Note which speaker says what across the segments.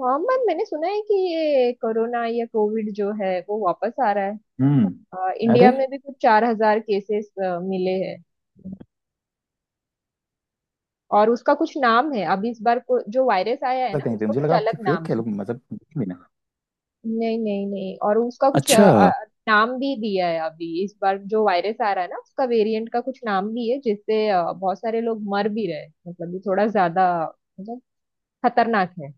Speaker 1: हाँ मैम, मैंने सुना है कि ये कोरोना या कोविड जो है वो वापस आ रहा है।
Speaker 2: हम्म। अरे,
Speaker 1: इंडिया में भी कुछ 4000 केसेस मिले हैं। और उसका कुछ नाम है अब इस बार को, जो वायरस आया है
Speaker 2: लगा,
Speaker 1: ना
Speaker 2: कहीं पे
Speaker 1: उसका
Speaker 2: मुझे
Speaker 1: कुछ
Speaker 2: लगा
Speaker 1: अलग
Speaker 2: कि
Speaker 1: नाम
Speaker 2: फेक है,
Speaker 1: है।
Speaker 2: लोग मजाक भी ना।
Speaker 1: नहीं नहीं नहीं, और उसका कुछ
Speaker 2: अच्छा।
Speaker 1: नाम भी दिया है। अभी इस बार जो वायरस आ रहा है ना उसका वेरिएंट का कुछ नाम भी है, जिससे बहुत सारे लोग मर भी रहे हैं। मतलब ये थोड़ा ज्यादा मतलब खतरनाक है।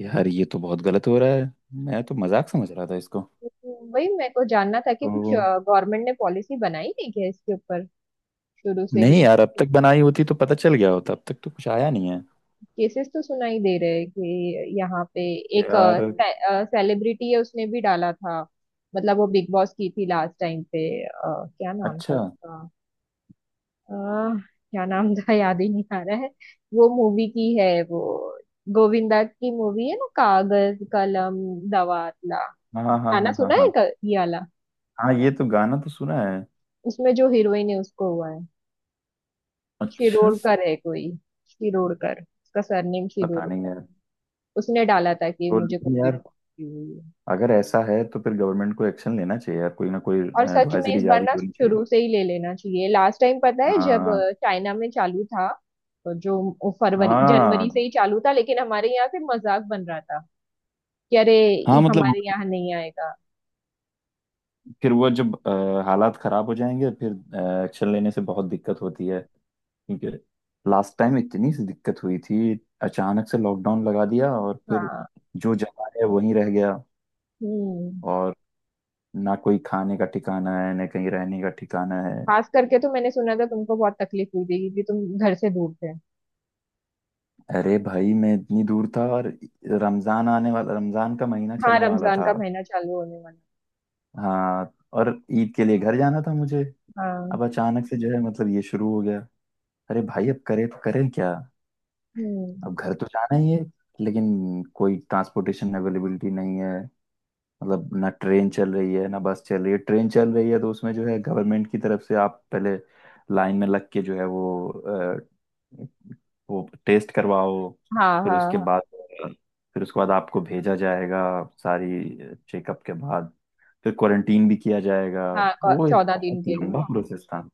Speaker 2: यार, ये तो बहुत गलत हो रहा है। मैं तो मजाक समझ रहा था इसको।
Speaker 1: तो वही मेरे को जानना था कि
Speaker 2: तो
Speaker 1: कुछ गवर्नमेंट ने पॉलिसी बनाई है क्या इसके ऊपर, शुरू से
Speaker 2: नहीं
Speaker 1: ही।
Speaker 2: यार, अब तक बनाई होती तो पता चल गया होता, अब तक तो कुछ आया नहीं है।
Speaker 1: केसेस तो सुनाई दे रहे हैं कि यहाँ पे एक
Speaker 2: यार,
Speaker 1: सेलिब्रिटी है, उसने भी डाला था। मतलब वो बिग बॉस की थी लास्ट टाइम पे। क्या नाम था
Speaker 2: अच्छा।
Speaker 1: उसका? अ, क्या नाम था याद ही नहीं आ रहा है। वो मूवी की है वो, गोविंदा की मूवी है ना, कागज कलम दवातला
Speaker 2: हाँ, हाँ, हाँ,
Speaker 1: गाना
Speaker 2: हाँ, हाँ,
Speaker 1: सुना है,
Speaker 2: हाँ।
Speaker 1: ये वाला।
Speaker 2: हाँ, ये तो गाना तो सुना है।
Speaker 1: उसमें जो हीरोइन है उसको हुआ है।
Speaker 2: अच्छा।
Speaker 1: शिरोडकर है कोई, शिरोडकर, उसका सरनेम
Speaker 2: पता नहीं
Speaker 1: शिरोडकर।
Speaker 2: यार।
Speaker 1: उसने डाला था कि
Speaker 2: तो
Speaker 1: मुझे
Speaker 2: लेकिन
Speaker 1: कोविड
Speaker 2: यार,
Speaker 1: पॉजिटिव हुई है।
Speaker 2: अगर ऐसा है तो फिर गवर्नमेंट को एक्शन लेना चाहिए यार, कोई ना कोई
Speaker 1: और सच में इस
Speaker 2: एडवाइजरी
Speaker 1: बार
Speaker 2: जारी
Speaker 1: ना
Speaker 2: होनी
Speaker 1: शुरू
Speaker 2: चाहिए।
Speaker 1: से ही ले लेना चाहिए। लास्ट टाइम पता है, जब
Speaker 2: हाँ,
Speaker 1: चाइना में चालू था, तो जो फरवरी
Speaker 2: हाँ,
Speaker 1: जनवरी से ही चालू था, लेकिन हमारे यहाँ से मजाक बन रहा था कि अरे ये
Speaker 2: हाँ। मतलब
Speaker 1: हमारे यहाँ नहीं आएगा।
Speaker 2: फिर वो जब हालात खराब हो जाएंगे, फिर एक्शन लेने से बहुत दिक्कत होती है। क्योंकि लास्ट टाइम इतनी सी दिक्कत हुई थी, अचानक से लॉकडाउन लगा दिया और फिर
Speaker 1: हाँ।
Speaker 2: जो जमा है वहीं रह गया।
Speaker 1: हम्म।
Speaker 2: और ना कोई खाने का ठिकाना है ना कहीं रहने का ठिकाना है।
Speaker 1: खास करके तो मैंने सुना था, तुमको बहुत तकलीफ हुई थी, क्योंकि तुम घर से दूर थे।
Speaker 2: अरे भाई, मैं इतनी दूर था और रमजान आने वाला, रमजान का महीना
Speaker 1: हाँ,
Speaker 2: चलने वाला
Speaker 1: रमजान
Speaker 2: था।
Speaker 1: का महीना चालू होने वाला है।
Speaker 2: हाँ। और ईद के लिए घर जाना था मुझे।
Speaker 1: हाँ।
Speaker 2: अब अचानक से जो है मतलब ये शुरू हो गया। अरे भाई, अब करे तो करें क्या। अब
Speaker 1: हम्म।
Speaker 2: घर तो जाना ही है, लेकिन कोई ट्रांसपोर्टेशन अवेलेबिलिटी नहीं है। मतलब ना ट्रेन चल रही है ना बस चल रही है, ट्रेन चल रही है तो उसमें जो है गवर्नमेंट की तरफ से आप पहले लाइन में लग के जो है वो टेस्ट करवाओ।
Speaker 1: हाँ
Speaker 2: फिर उसके
Speaker 1: हाँ
Speaker 2: बाद फिर उसके बाद आपको भेजा जाएगा, सारी चेकअप के बाद, फिर क्वारंटीन भी किया जाएगा।
Speaker 1: हाँ, हाँ,
Speaker 2: वो एक
Speaker 1: चौदह
Speaker 2: बहुत
Speaker 1: दिन के लिए।
Speaker 2: लंबा प्रोसेस था।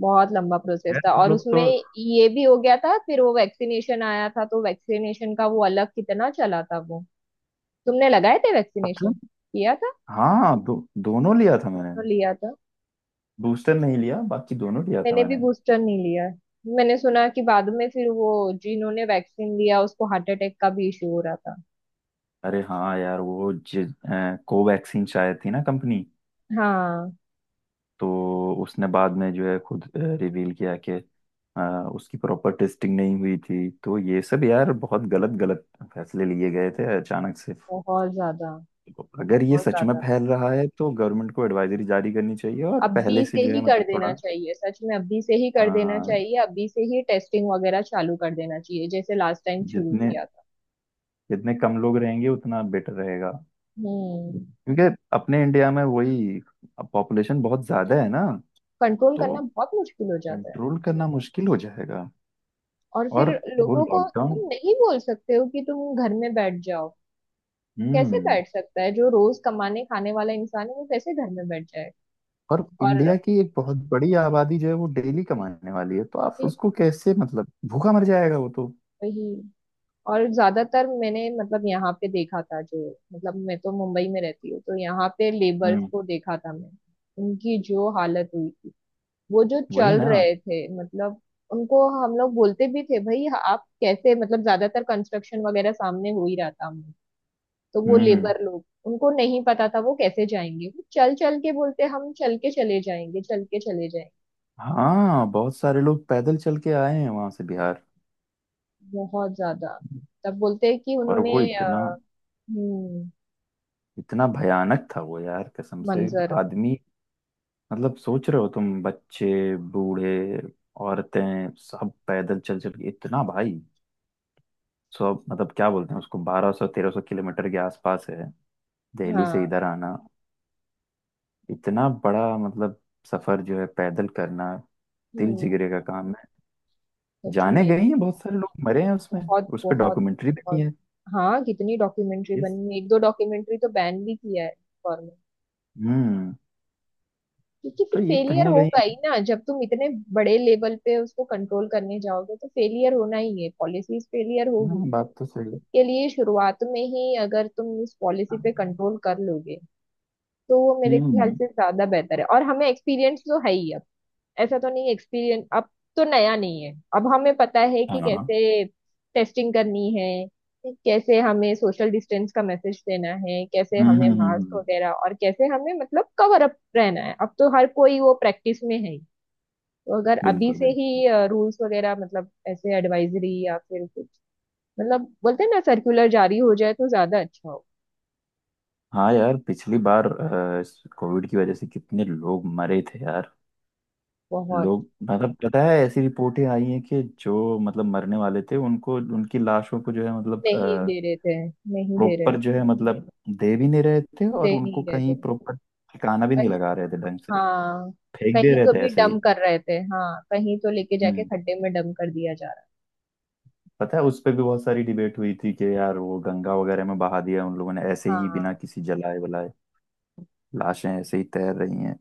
Speaker 1: बहुत लंबा प्रोसेस
Speaker 2: खैर,
Speaker 1: था,
Speaker 2: हम
Speaker 1: और
Speaker 2: लोग
Speaker 1: उसमें
Speaker 2: तो
Speaker 1: ये भी हो गया था। फिर वो वैक्सीनेशन आया था, तो वैक्सीनेशन का वो अलग कितना चला था वो। तुमने लगाए थे
Speaker 2: पता।
Speaker 1: वैक्सीनेशन, किया था?
Speaker 2: हाँ, दोनों लिया था मैंने।
Speaker 1: दोनों लिया था।
Speaker 2: बूस्टर नहीं लिया, बाकी दोनों लिया था
Speaker 1: मैंने भी
Speaker 2: मैंने।
Speaker 1: बूस्टर नहीं लिया है। मैंने सुना कि बाद में फिर वो, जिन्होंने वैक्सीन लिया उसको हार्ट अटैक का भी इशू हो रहा था।
Speaker 2: अरे हाँ यार वो कोवैक्सीन शायद थी ना कंपनी।
Speaker 1: हाँ।
Speaker 2: तो उसने बाद में जो है खुद रिवील किया कि अ, उसकी प्रॉपर टेस्टिंग नहीं हुई थी। तो ये सब यार बहुत गलत गलत फैसले लिए गए थे अचानक से।
Speaker 1: बहुत ज्यादा।
Speaker 2: तो अगर ये
Speaker 1: बहुत
Speaker 2: सच में
Speaker 1: ज्यादा,
Speaker 2: फैल रहा है तो गवर्नमेंट को एडवाइजरी जारी करनी चाहिए और
Speaker 1: अभी
Speaker 2: पहले से
Speaker 1: से
Speaker 2: जो
Speaker 1: ही
Speaker 2: है
Speaker 1: कर
Speaker 2: मतलब
Speaker 1: देना
Speaker 2: थोड़ा,
Speaker 1: चाहिए, सच में अभी से ही
Speaker 2: अ,
Speaker 1: कर देना चाहिए, अभी से ही टेस्टिंग वगैरह चालू कर देना चाहिए, जैसे लास्ट टाइम शुरू
Speaker 2: जितने
Speaker 1: किया था।
Speaker 2: जितने कम लोग रहेंगे उतना बेटर रहेगा।
Speaker 1: हम्म।
Speaker 2: क्योंकि अपने इंडिया में वही पॉपुलेशन बहुत ज्यादा है ना,
Speaker 1: कंट्रोल
Speaker 2: तो
Speaker 1: करना बहुत मुश्किल हो जाता है,
Speaker 2: कंट्रोल करना मुश्किल हो जाएगा।
Speaker 1: और फिर
Speaker 2: और वो
Speaker 1: लोगों को
Speaker 2: लॉकडाउन।
Speaker 1: तुम नहीं बोल सकते हो कि तुम घर में बैठ जाओ। कैसे
Speaker 2: हम्म।
Speaker 1: बैठ सकता है जो रोज कमाने खाने वाला इंसान है, वो कैसे घर में बैठ जाए।
Speaker 2: और
Speaker 1: और
Speaker 2: इंडिया की एक बहुत बड़ी आबादी जो है वो डेली कमाने वाली है, तो आप
Speaker 1: फिर
Speaker 2: उसको कैसे, मतलब भूखा मर जाएगा वो तो।
Speaker 1: वही, और ज्यादातर मैंने मतलब यहाँ पे देखा था जो, मतलब मैं तो मुंबई में रहती हूँ, तो यहाँ पे लेबर्स
Speaker 2: हम्म,
Speaker 1: को देखा था मैं। उनकी जो हालत हुई थी वो, जो
Speaker 2: वही
Speaker 1: चल
Speaker 2: ना।
Speaker 1: रहे थे मतलब, उनको हम लोग बोलते भी थे भाई, आप कैसे? मतलब ज्यादातर कंस्ट्रक्शन वगैरह सामने हो ही रहा था, तो वो
Speaker 2: हम्म। हम्म।
Speaker 1: लेबर लोग, उनको नहीं पता था वो कैसे जाएंगे। वो चल चल के बोलते, हम चल के चले जाएंगे, चल के चले जाएंगे।
Speaker 2: हाँ, बहुत सारे लोग पैदल चल के आए हैं वहां से बिहार।
Speaker 1: बहुत ज्यादा। तब बोलते हैं कि
Speaker 2: और
Speaker 1: उन्होंने
Speaker 2: वो इतना
Speaker 1: हम्म।
Speaker 2: इतना भयानक था वो यार, कसम से।
Speaker 1: मंजर।
Speaker 2: आदमी, मतलब सोच रहे हो तुम, बच्चे बूढ़े औरतें सब पैदल चल चल के, इतना भाई सौ मतलब क्या बोलते हैं उसको, 1200 1300 किलोमीटर के आसपास है दिल्ली से
Speaker 1: हाँ।
Speaker 2: इधर आना। इतना बड़ा मतलब सफर जो है पैदल करना, दिल
Speaker 1: हम्म।
Speaker 2: जिगरे का काम है।
Speaker 1: सच
Speaker 2: जाने
Speaker 1: में।
Speaker 2: गए हैं, बहुत सारे लोग मरे हैं उसमें।
Speaker 1: बहुत।
Speaker 2: उस पर
Speaker 1: बहुत।
Speaker 2: डॉक्यूमेंट्री बनी
Speaker 1: बहुत।
Speaker 2: है।
Speaker 1: हाँ, कितनी डॉक्यूमेंट्री
Speaker 2: यस।
Speaker 1: बनी है, एक दो डॉक्यूमेंट्री तो बैन भी किया है गवर्नमेंट।
Speaker 2: हम्म।
Speaker 1: क्योंकि फिर
Speaker 2: तो ये कहीं
Speaker 1: फेलियर
Speaker 2: ना
Speaker 1: होगा
Speaker 2: कहीं।
Speaker 1: ही ना, जब तुम इतने बड़े लेवल पे उसको कंट्रोल करने जाओगे तो फेलियर होना ही है, पॉलिसीज फेलियर होगी।
Speaker 2: हाँ, बात तो सही।
Speaker 1: इसके लिए शुरुआत में ही अगर तुम इस पॉलिसी पे कंट्रोल कर लोगे, तो वो मेरे ख्याल
Speaker 2: हम्म।
Speaker 1: से ज्यादा बेहतर है। और हमें एक्सपीरियंस तो है ही अब, ऐसा तो नहीं एक्सपीरियंस अब, तो नया नहीं है। अब हमें पता है
Speaker 2: हाँ।
Speaker 1: कि
Speaker 2: हम्म।
Speaker 1: कैसे टेस्टिंग करनी है, कैसे हमें सोशल डिस्टेंस का मैसेज देना है, कैसे हमें मास्क
Speaker 2: हम्म।
Speaker 1: वगैरह, और कैसे हमें मतलब कवर अप रहना है। अब तो हर कोई वो प्रैक्टिस में है ही। तो अगर अभी
Speaker 2: बिल्कुल
Speaker 1: से
Speaker 2: बिल्कुल।
Speaker 1: ही रूल्स वगैरह, मतलब ऐसे एडवाइजरी, या फिर मतलब बोलते हैं ना, सर्कुलर जारी हो जाए, तो ज्यादा अच्छा हो।
Speaker 2: हाँ यार, पिछली बार कोविड की वजह से कितने लोग मरे थे यार।
Speaker 1: बहुत।
Speaker 2: लोग, मतलब पता है ऐसी रिपोर्टें आई हैं कि जो मतलब मरने वाले थे उनको, उनकी लाशों को जो है मतलब
Speaker 1: नहीं दे रहे थे, नहीं दे रहे
Speaker 2: प्रॉपर
Speaker 1: थे।
Speaker 2: जो है मतलब दे भी नहीं रहे थे और
Speaker 1: दे
Speaker 2: उनको
Speaker 1: नहीं रहे
Speaker 2: कहीं
Speaker 1: थे।
Speaker 2: प्रॉपर ठिकाना भी नहीं
Speaker 1: कहीं-
Speaker 2: लगा रहे थे ढंग से,
Speaker 1: हाँ,
Speaker 2: फेंक दे
Speaker 1: कहीं
Speaker 2: रहे
Speaker 1: तो
Speaker 2: थे
Speaker 1: भी
Speaker 2: ऐसे
Speaker 1: डम
Speaker 2: ही।
Speaker 1: कर रहे थे। हाँ, कहीं तो लेके जाके
Speaker 2: हम्म।
Speaker 1: खड्डे में डम कर दिया जा रहा
Speaker 2: पता है उस पे भी बहुत सारी डिबेट हुई थी कि यार वो गंगा वगैरह में बहा दिया उन लोगों ने ऐसे
Speaker 1: है।
Speaker 2: ही बिना
Speaker 1: हाँ।
Speaker 2: किसी जलाए बुलाए, लाशें ऐसे ही तैर रही हैं।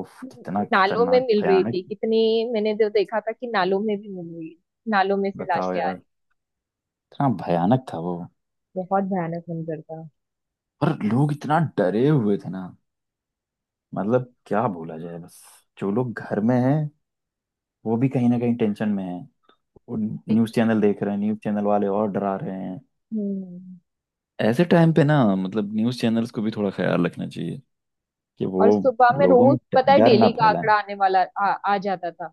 Speaker 2: उफ, कितना
Speaker 1: नालों में
Speaker 2: खतरनाक
Speaker 1: मिल रही
Speaker 2: भयानक।
Speaker 1: थी कितनी। मैंने तो देखा था कि नालों में भी मिल रही है, नालों में से
Speaker 2: बताओ
Speaker 1: लाशें आ
Speaker 2: यार,
Speaker 1: रही।
Speaker 2: इतना भयानक था वो।
Speaker 1: बहुत भयानक मंजर था।
Speaker 2: और लोग इतना डरे हुए थे ना, मतलब क्या बोला जाए। बस जो लोग घर में हैं वो भी कहीं ना कहीं टेंशन में हैं, वो न्यूज़ चैनल देख रहे हैं, न्यूज़ चैनल वाले और डरा रहे हैं।
Speaker 1: हम्म।
Speaker 2: ऐसे टाइम पे ना, मतलब न्यूज़ चैनल्स को भी थोड़ा ख्याल रखना चाहिए कि वो
Speaker 1: और सुबह में
Speaker 2: लोगों में
Speaker 1: रोज पता है,
Speaker 2: डर ना
Speaker 1: डेली का
Speaker 2: फैलाएं।
Speaker 1: आंकड़ा आने वाला आ जाता था।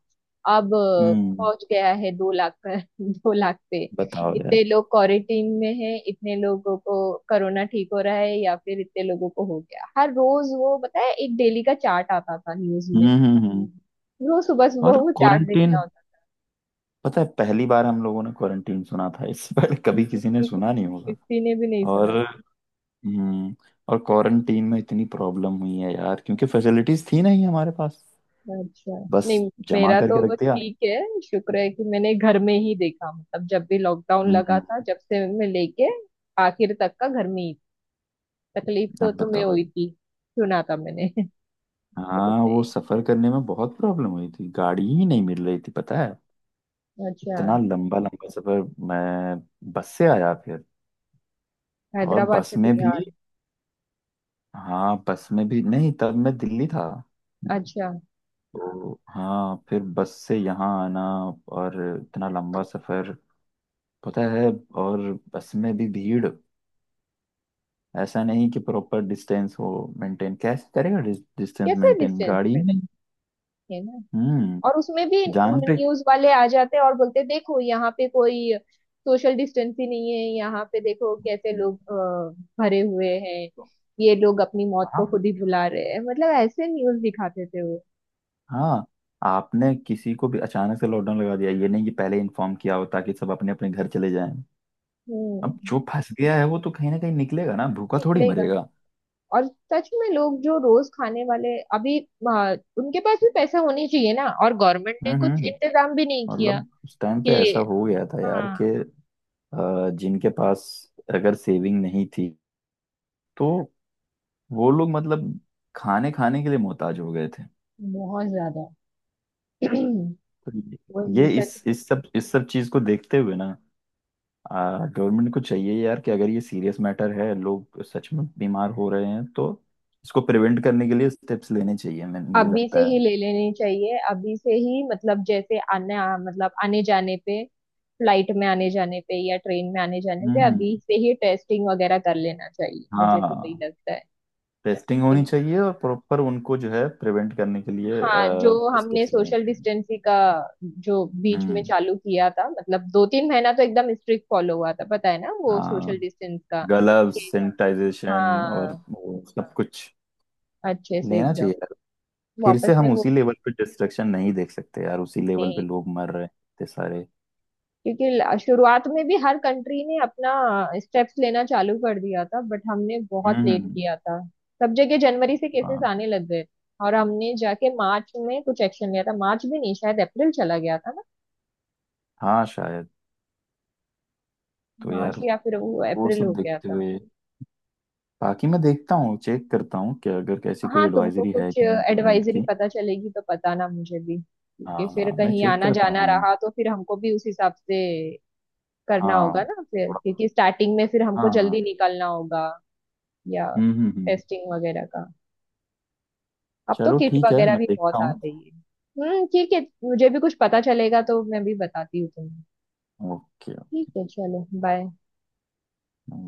Speaker 1: अब
Speaker 2: हम्म।
Speaker 1: पहुंच गया है 2 लाख पर, 2 लाख पे
Speaker 2: बताओ
Speaker 1: इतने
Speaker 2: यार।
Speaker 1: लोग क्वारंटीन में हैं, इतने लोगों को कोरोना ठीक हो रहा है, या फिर इतने लोगों को हो गया। हर रोज वो पता है, एक डेली का चार्ट आता था न्यूज में,
Speaker 2: हम्म, हम्म,
Speaker 1: रोज सुबह सुबह
Speaker 2: और
Speaker 1: वो चार्ट
Speaker 2: क्वारंटीन,
Speaker 1: देखना होता
Speaker 2: पता है पहली बार हम लोगों ने क्वारंटीन सुना था, इससे पहले कभी
Speaker 1: था।
Speaker 2: किसी ने सुना नहीं होगा।
Speaker 1: किसी ने भी नहीं सुना।
Speaker 2: और हम्म और क्वारंटीन में इतनी प्रॉब्लम हुई है यार, क्योंकि फैसिलिटीज थी नहीं हमारे पास,
Speaker 1: अच्छा।
Speaker 2: बस
Speaker 1: नहीं,
Speaker 2: जमा
Speaker 1: मेरा
Speaker 2: करके रख
Speaker 1: तो
Speaker 2: दिया।
Speaker 1: ठीक है। शुक्र है कि मैंने घर में ही देखा, मतलब जब भी लॉकडाउन लगा था,
Speaker 2: हम्म।
Speaker 1: जब से मैं लेके आखिर तक का घर में ही। तकलीफ तो
Speaker 2: अब
Speaker 1: तुम्हें
Speaker 2: बताओ।
Speaker 1: हुई थी, सुना था मैंने। तो
Speaker 2: हाँ वो
Speaker 1: तुमने?
Speaker 2: सफर करने में बहुत प्रॉब्लम हुई थी, गाड़ी ही नहीं मिल रही थी पता है।
Speaker 1: अच्छा।
Speaker 2: इतना लंबा लंबा सफर। मैं बस से आया फिर। और
Speaker 1: हैदराबाद से
Speaker 2: बस में भी,
Speaker 1: बिहार।
Speaker 2: हाँ बस में भी नहीं, तब मैं दिल्ली था।
Speaker 1: अच्छा।
Speaker 2: तो हाँ, फिर बस से यहाँ आना। और इतना लंबा सफर पता है। और बस में भी भीड़, ऐसा नहीं कि प्रॉपर डिस्टेंस हो। मेंटेन कैसे करेगा, डिस्टेंस
Speaker 1: कैसे
Speaker 2: मेंटेन
Speaker 1: डिस्टेंस
Speaker 2: गाड़ी
Speaker 1: पे,
Speaker 2: में।
Speaker 1: है ना।
Speaker 2: हम्म।
Speaker 1: और उसमें भी
Speaker 2: जान पे।
Speaker 1: न्यूज वाले आ जाते हैं, और बोलते हैं, देखो यहाँ पे कोई सोशल डिस्टेंस ही नहीं है, यहाँ पे देखो कैसे लोग
Speaker 2: हाँ,
Speaker 1: भरे हुए हैं। ये लोग अपनी मौत को खुद ही बुला रहे हैं, मतलब ऐसे न्यूज दिखाते थे वो।
Speaker 2: हाँ। आपने किसी को भी अचानक से लॉकडाउन लगा दिया, ये नहीं कि पहले इन्फॉर्म किया हो ताकि सब अपने अपने घर चले जाएं। अब
Speaker 1: हम्म।
Speaker 2: जो फंस गया है वो तो कहीं ना कहीं निकलेगा ना, भूखा थोड़ी
Speaker 1: निकलेगा ना।
Speaker 2: मरेगा।
Speaker 1: और सच में लोग जो रोज खाने वाले अभी, उनके पास भी पैसा होनी चाहिए ना, और गवर्नमेंट
Speaker 2: हम्म,
Speaker 1: ने
Speaker 2: हम्म,
Speaker 1: कुछ इंतजाम भी नहीं किया
Speaker 2: मतलब उस टाइम पे ऐसा
Speaker 1: कि।
Speaker 2: हो गया था यार
Speaker 1: हाँ।
Speaker 2: कि जिनके पास अगर सेविंग नहीं थी तो वो लोग मतलब खाने खाने के लिए मोहताज हो गए थे।
Speaker 1: बहुत ज्यादा।
Speaker 2: तो ये
Speaker 1: वही सच।
Speaker 2: इस सब चीज को देखते हुए ना, गवर्नमेंट को चाहिए यार कि अगर ये सीरियस मैटर है, लोग सच में बीमार हो रहे हैं, तो इसको प्रिवेंट करने के लिए स्टेप्स लेने चाहिए मैं मुझे
Speaker 1: अभी
Speaker 2: लगता
Speaker 1: से ही
Speaker 2: है।
Speaker 1: ले लेनी चाहिए, अभी से ही, मतलब जैसे आने मतलब आने जाने पे, फ्लाइट में आने जाने पे या ट्रेन में आने जाने पे
Speaker 2: हम्म।
Speaker 1: अभी से ही टेस्टिंग वगैरह कर लेना चाहिए, मुझे तो वही
Speaker 2: हाँ।
Speaker 1: लगता है।
Speaker 2: टेस्टिंग
Speaker 1: कि-
Speaker 2: होनी चाहिए और प्रॉपर उनको जो है प्रिवेंट करने के लिए
Speaker 1: हाँ, जो हमने
Speaker 2: स्टेप्स लेने
Speaker 1: सोशल
Speaker 2: चाहिए।
Speaker 1: डिस्टेंसिंग का, जो बीच में
Speaker 2: हम्म।
Speaker 1: चालू किया था मतलब, 2-3 महीना तो एकदम स्ट्रिक्ट फॉलो हुआ था, पता है ना वो सोशल
Speaker 2: हाँ।
Speaker 1: डिस्टेंस का।
Speaker 2: ग्लव्स
Speaker 1: कि
Speaker 2: सैनिटाइजेशन और
Speaker 1: हाँ,
Speaker 2: वो सब कुछ
Speaker 1: अच्छे से
Speaker 2: लेना
Speaker 1: एकदम,
Speaker 2: चाहिए यार, फिर
Speaker 1: वापस
Speaker 2: से
Speaker 1: से
Speaker 2: हम
Speaker 1: वो।
Speaker 2: उसी लेवल पे डिस्ट्रक्शन नहीं देख सकते यार, उसी लेवल पे
Speaker 1: नहीं,
Speaker 2: लोग मर रहे हैं इतने सारे।
Speaker 1: क्योंकि शुरुआत में भी हर कंट्री ने अपना स्टेप्स लेना चालू कर दिया था, बट हमने बहुत लेट
Speaker 2: हम्म।
Speaker 1: किया था। सब जगह जनवरी से केसेस
Speaker 2: हाँ,
Speaker 1: आने लग गए, और हमने जाके मार्च में कुछ एक्शन लिया था, मार्च भी नहीं शायद, अप्रैल चला गया था ना,
Speaker 2: हाँ शायद। तो
Speaker 1: मार्च
Speaker 2: यार,
Speaker 1: या फिर वो
Speaker 2: वो
Speaker 1: अप्रैल हो
Speaker 2: सब
Speaker 1: गया
Speaker 2: देखते
Speaker 1: था।
Speaker 2: हुए, बाकी मैं देखता हूँ, चेक करता हूँ कि अगर कैसी कोई
Speaker 1: हाँ, तुमको
Speaker 2: एडवाइजरी है
Speaker 1: कुछ
Speaker 2: कि नहीं गवर्नमेंट
Speaker 1: एडवाइजरी
Speaker 2: की।
Speaker 1: पता चलेगी तो बताना मुझे भी, क्योंकि फिर
Speaker 2: हाँ, मैं
Speaker 1: कहीं
Speaker 2: चेक
Speaker 1: आना
Speaker 2: करता
Speaker 1: जाना
Speaker 2: हूँ।
Speaker 1: रहा तो फिर हमको भी उस हिसाब से करना होगा
Speaker 2: हाँ,
Speaker 1: ना। फिर
Speaker 2: थोड़ा,
Speaker 1: क्योंकि स्टार्टिंग में फिर हमको जल्दी
Speaker 2: हाँ।
Speaker 1: निकलना होगा, या
Speaker 2: हम्म, हम्म, हम्म,
Speaker 1: टेस्टिंग वगैरह का। अब तो
Speaker 2: चलो
Speaker 1: किट
Speaker 2: ठीक है,
Speaker 1: वगैरह
Speaker 2: मैं
Speaker 1: भी
Speaker 2: देखता
Speaker 1: बहुत आ
Speaker 2: हूँ।
Speaker 1: गई है। हम्म, ठीक है, मुझे भी कुछ पता चलेगा तो मैं भी बताती हूँ तुम्हें।
Speaker 2: ओके।
Speaker 1: ठीक है, चलो बाय।